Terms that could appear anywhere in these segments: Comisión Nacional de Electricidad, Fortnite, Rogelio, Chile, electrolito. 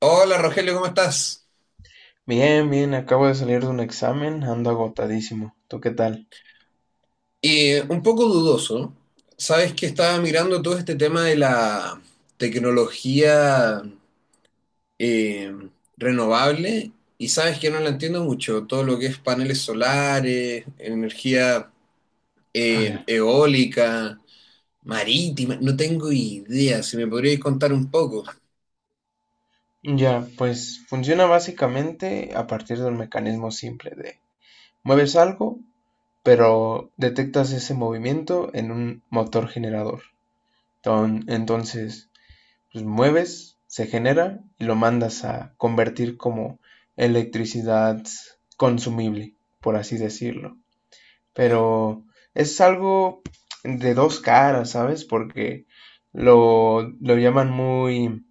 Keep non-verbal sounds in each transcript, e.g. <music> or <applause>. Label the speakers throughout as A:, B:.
A: Hola Rogelio, ¿cómo estás?
B: Bien, bien, acabo de salir de un examen, ando agotadísimo. ¿Tú qué tal?
A: Un poco dudoso. Sabes que estaba mirando todo este tema de la tecnología eh, renovable, y sabes que no la entiendo mucho. Todo lo que es paneles solares, energía
B: Ya.
A: eólica, marítima, no tengo idea. Si me podrías contar un poco.
B: Ya, pues funciona básicamente a partir de un mecanismo simple de mueves algo, pero detectas ese movimiento en un motor generador. Entonces, pues mueves, se genera y lo mandas a convertir como electricidad consumible, por así decirlo. Pero es algo de dos caras, ¿sabes? Porque lo llaman muy,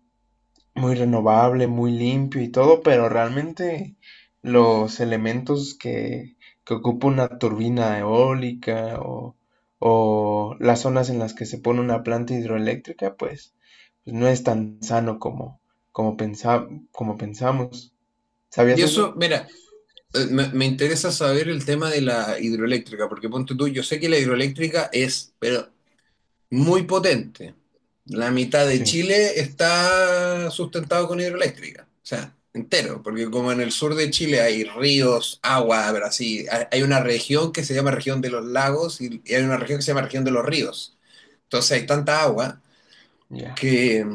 B: muy renovable, muy limpio y todo, pero realmente los elementos que ocupa una turbina eólica o las zonas en las que se pone una planta hidroeléctrica, pues, pues no es tan sano como, como, como pensamos.
A: Y
B: ¿Sabías
A: eso,
B: eso?
A: mira, me interesa saber el tema de la hidroeléctrica, porque ponte tú, yo sé que la hidroeléctrica es, pero muy potente. La mitad de
B: Sí.
A: Chile está sustentado con hidroeléctrica, o sea, entero, porque como en el sur de Chile hay ríos, agua, pero así, hay una región que se llama región de los lagos, y hay una región que se llama región de los ríos. Entonces hay tanta agua
B: Ya.
A: que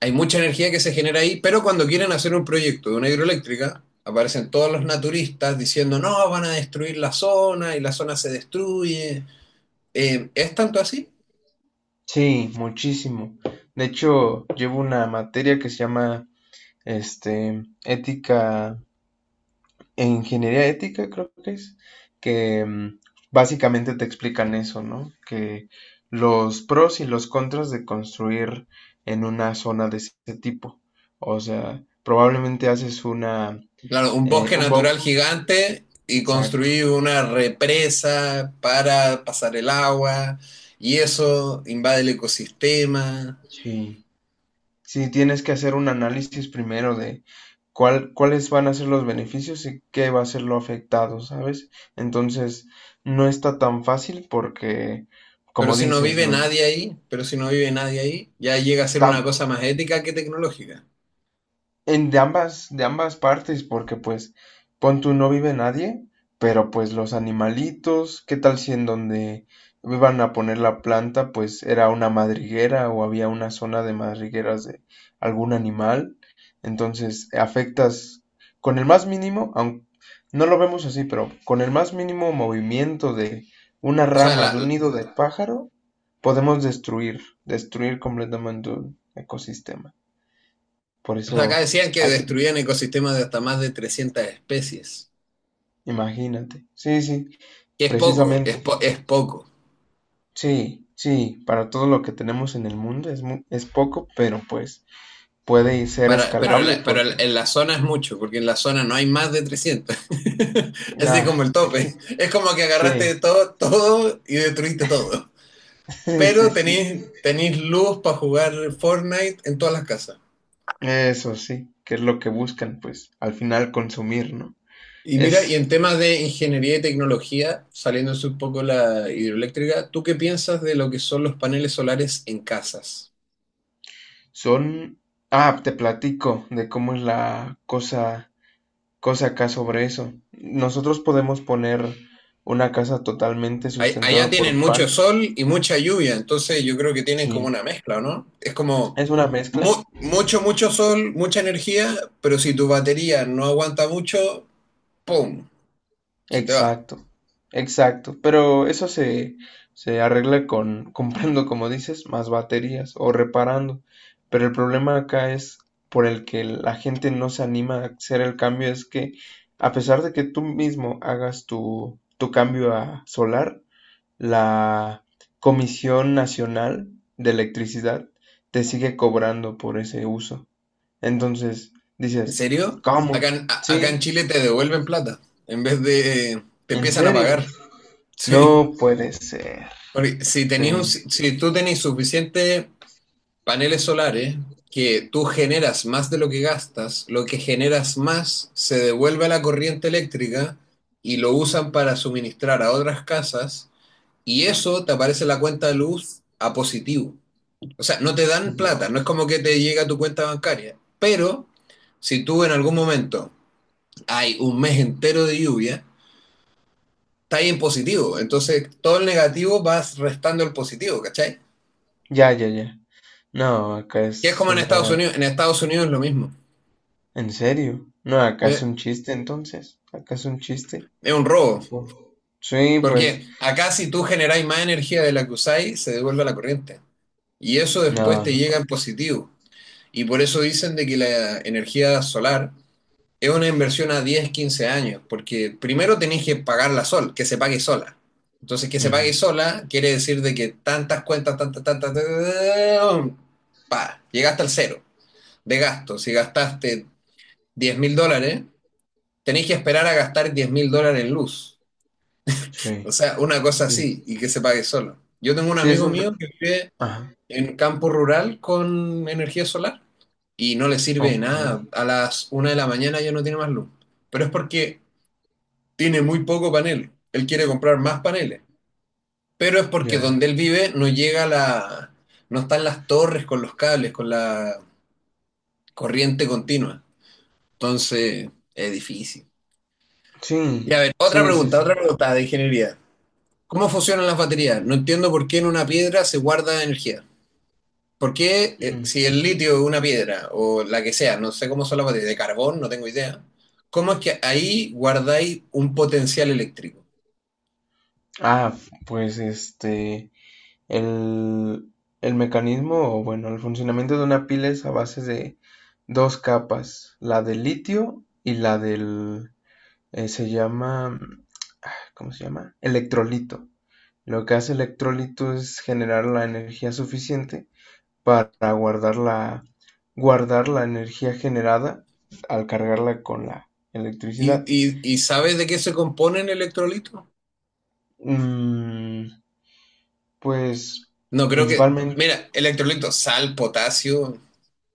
A: hay mucha energía que se genera ahí, pero cuando quieren hacer un proyecto de una hidroeléctrica, aparecen todos los naturistas diciendo, no, van a destruir la zona y la zona se destruye. ¿Es tanto así?
B: Sí, muchísimo. De hecho, llevo una materia que se llama este, ética e ingeniería ética, creo que es, que básicamente te explican eso, ¿no? Que los pros y los contras de construir en una zona de ese tipo. O sea, probablemente haces una,
A: Claro, un bosque
B: un
A: natural
B: mock,
A: gigante y
B: exacto,
A: construir una represa para pasar el agua, y eso invade el ecosistema.
B: sí. Sí, tienes que hacer un análisis primero de cuál, cuáles van a ser los beneficios y qué va a ser lo afectado, ¿sabes? Entonces, no está tan fácil porque,
A: Pero
B: como
A: si no
B: dices,
A: vive
B: los,
A: nadie ahí, pero si no vive nadie ahí, ya llega a ser una
B: tam-
A: cosa más ética que tecnológica.
B: En de ambas partes, porque pues, pon tú, no vive nadie, pero pues los animalitos, ¿qué tal si en donde iban a poner la planta, pues era una madriguera o había una zona de madrigueras de algún animal? Entonces, afectas con el más mínimo, aunque no lo vemos así, pero con el más mínimo movimiento de una
A: O sea,
B: rama,
A: la-
B: de un nido de pájaro, podemos destruir completamente un ecosistema. Por
A: o sea, acá
B: eso
A: decían que
B: hay que
A: destruían ecosistemas de hasta más de 300 especies,
B: imagínate. Sí, sí,
A: que es poco,
B: precisamente.
A: es poco.
B: Sí, sí, para todo lo que tenemos en el mundo es es poco, pero pues puede ser
A: Para,
B: escalable
A: pero la-
B: porque
A: En la zona es mucho, porque en la zona no hay más de 300. <laughs> Es así como
B: ah,
A: el tope. Es como que
B: sí,
A: agarraste todo, todo, y destruiste todo.
B: <laughs> sí, sí,
A: Pero
B: sí.
A: tenéis luz para jugar Fortnite en todas las casas.
B: Eso sí, que es lo que buscan pues al final consumir, ¿no?
A: Y mira, y
B: Es
A: en temas de ingeniería y tecnología, saliéndose un poco la hidroeléctrica, ¿tú qué piensas de lo que son los paneles solares en casas?
B: son ah, te platico de cómo es la cosa cosa acá sobre eso. Nosotros podemos poner una casa totalmente
A: Allá
B: sustentada
A: tienen
B: por
A: mucho
B: pan.
A: sol y mucha lluvia, entonces yo creo que tienen como
B: Sí,
A: una mezcla, ¿no? Es como
B: es una mezcla.
A: mucho, mucho sol, mucha energía, pero si tu batería no aguanta mucho, ¡pum! Se te va.
B: Exacto, exacto. Pero eso se arregla con <laughs> comprando, como dices, más baterías o reparando. Pero el problema acá es por el que la gente no se anima a hacer el cambio, es que a pesar de que tú mismo hagas tu cambio a solar, la Comisión Nacional de Electricidad te sigue cobrando por ese uso. Entonces,
A: ¿En
B: dices,
A: serio?
B: ¿cómo?
A: Acá, acá en
B: Sí,
A: Chile te devuelven plata, en vez de te
B: en
A: empiezan a
B: serio.
A: pagar. <laughs> Sí.
B: No puede ser.
A: Porque
B: Sí.
A: si tú tenés suficiente paneles solares, que tú generas más de lo que gastas, lo que generas más se devuelve a la corriente eléctrica y lo usan para suministrar a otras casas, y eso te aparece en la cuenta de luz a positivo. O sea, no te dan plata, no es
B: Dios.
A: como que te llega a tu cuenta bancaria, pero si tú en algún momento hay un mes entero de lluvia, está ahí en positivo, entonces todo el negativo vas restando el positivo, ¿cachai?
B: Ya, ya, ya. No, acá
A: Que es
B: es
A: como
B: una...
A: En Estados Unidos es lo mismo,
B: ¿En serio? No, acá es
A: ¿sí?
B: un chiste entonces. Acá es un chiste.
A: Es un robo.
B: Fu- Sí, pues...
A: Porque acá si tú generáis más energía de la que usáis, se devuelve a la corriente. Y eso después
B: No,
A: te
B: no
A: llega
B: puede.
A: en positivo. Y por eso dicen de que la energía solar es una inversión a 10, 15 años. Porque primero tenéis que que se pague sola. Entonces, que se
B: Ujú,
A: pague sola quiere decir de que tantas cuentas, llegaste al cero de gasto. Si gastaste $10.000, tenéis que esperar a gastar $10.000 en luz. O
B: sí.
A: sea, una cosa
B: Sí.
A: así y que se pague solo. Yo tengo un
B: Sí, es
A: amigo mío que vive
B: ajá.
A: en campo rural con energía solar y no le sirve de
B: Ok.
A: nada. A las 1 de la mañana ya no tiene más luz. Pero es porque tiene muy poco paneles. Él quiere comprar más paneles. Pero es porque
B: Ya.
A: donde él vive no están las torres con los cables, con la corriente continua. Entonces, es difícil. Y a
B: Sí.
A: ver,
B: Sí,
A: otra
B: sí,
A: pregunta,
B: sí.
A: otra pregunta de ingeniería. ¿Cómo funcionan las baterías? No entiendo por qué en una piedra se guarda energía. ¿Por qué
B: Mm.
A: si el litio es una piedra o la que sea, no sé cómo son las baterías, de carbón, no tengo idea, cómo es que ahí guardáis un potencial eléctrico?
B: Ah, pues este... El... El mecanismo, o bueno, el funcionamiento de una pila es a base de dos capas, la del litio y la del se llama, ah, ¿cómo se llama? Electrolito. Lo que hace electrolito es generar la energía suficiente para guardar guardar la energía generada al cargarla con la
A: ¿Y,
B: electricidad.
A: y, y sabes de qué se compone el electrolito?
B: Mm, pues
A: No creo que...
B: principalmente,
A: Mira, electrolito, sal, potasio,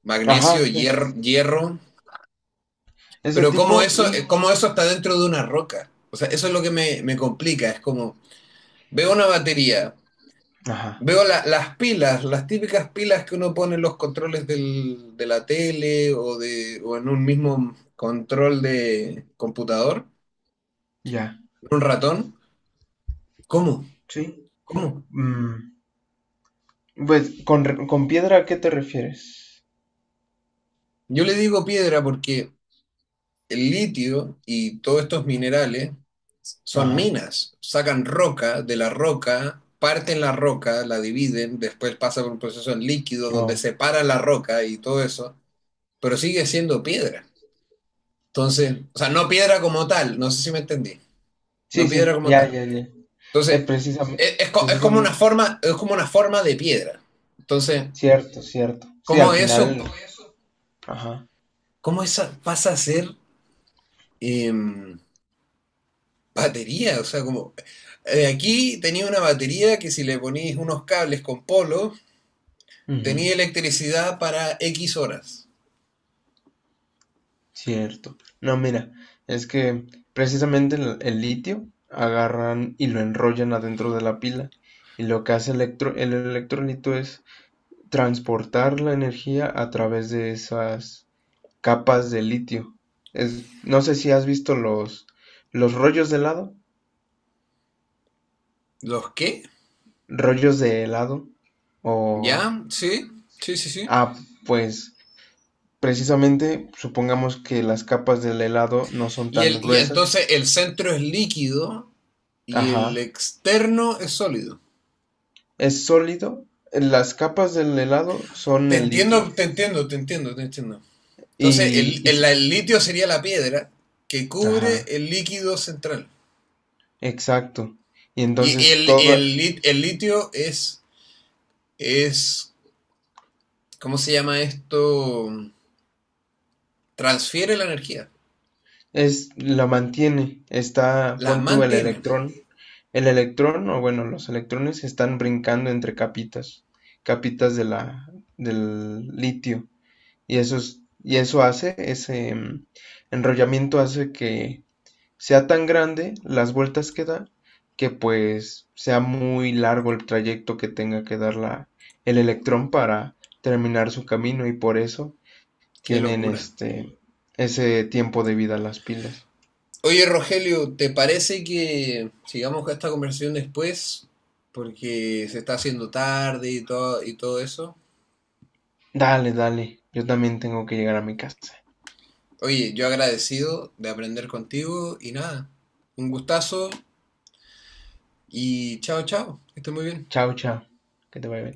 A: magnesio,
B: ajá,
A: hierro,
B: ese
A: pero cómo
B: tipo y,
A: eso, eh, cómo eso está dentro de una roca. O sea, eso es lo que me complica, es como veo una batería.
B: ajá,
A: Veo las pilas, las típicas pilas que uno pone en los controles de la tele, o en un mismo control de computador,
B: ya.
A: un ratón. ¿Cómo?
B: Sí.
A: ¿Cómo?
B: Mm, pues, con piedra a qué te refieres?
A: Yo le digo piedra porque el litio y todos estos minerales son
B: Ajá,
A: minas. Sacan roca de la roca, parten la roca, la dividen, después pasa por un proceso en líquido donde
B: no.
A: separa la roca y todo eso, pero sigue siendo piedra. Entonces, o sea, no piedra como tal, no sé si me entendí.
B: Sí,
A: No piedra
B: sí,
A: como
B: ya,
A: tal.
B: ya, ya.
A: Entonces,
B: Precisamente,
A: es como una
B: precisamente,
A: forma, es como una forma de piedra. Entonces,
B: cierto, cierto. Sí, al
A: ¿cómo eso,
B: final, ajá,
A: cómo esa pasa a ser em, batería? O sea, como aquí tenía una batería que si le ponís unos cables con polo,
B: ujú,
A: tenía electricidad para X horas.
B: cierto. No, mira, es que precisamente el litio agarran y lo enrollan adentro de la pila y lo que hace el electrolito es transportar la energía a través de esas capas de litio. Es, no sé si has visto los
A: ¿Los qué?
B: rollos de helado o...
A: ¿Ya? Sí, sí, sí, sí.
B: Ah, pues... Precisamente, supongamos que las capas del helado no son
A: Y,
B: tan
A: el, y
B: gruesas.
A: entonces el centro es líquido y el
B: Ajá.
A: externo es sólido.
B: Es sólido. Las capas del helado son
A: Te
B: el litio.
A: entiendo, te entiendo, te entiendo, te entiendo. Entonces,
B: Y,
A: el,
B: y
A: el-
B: se-
A: el litio sería la piedra que cubre
B: ajá,
A: el líquido central.
B: exacto. Y
A: Y
B: entonces
A: el,
B: toda
A: el lit- el litio es, ¿cómo se llama esto? Transfiere la energía,
B: es la mantiene. Está,
A: la
B: pon tú el
A: mantiene.
B: electrón. El electrón, o bueno, los electrones están brincando entre capitas, capitas de la, del litio. Y y eso hace, ese enrollamiento hace que sea tan grande las vueltas que da, que pues sea muy largo el trayecto que tenga que dar el electrón para terminar su camino y por eso
A: Qué
B: tienen
A: locura.
B: este ese tiempo de vida las pilas.
A: Oye, Rogelio, ¿te parece que sigamos con esta conversación después? Porque se está haciendo tarde y todo eso.
B: Dale, dale, yo también tengo que llegar a mi casa.
A: Oye, yo agradecido de aprender contigo y nada, un gustazo, y chao, chao, que estés muy bien.
B: Chao, chao, que te vaya bien.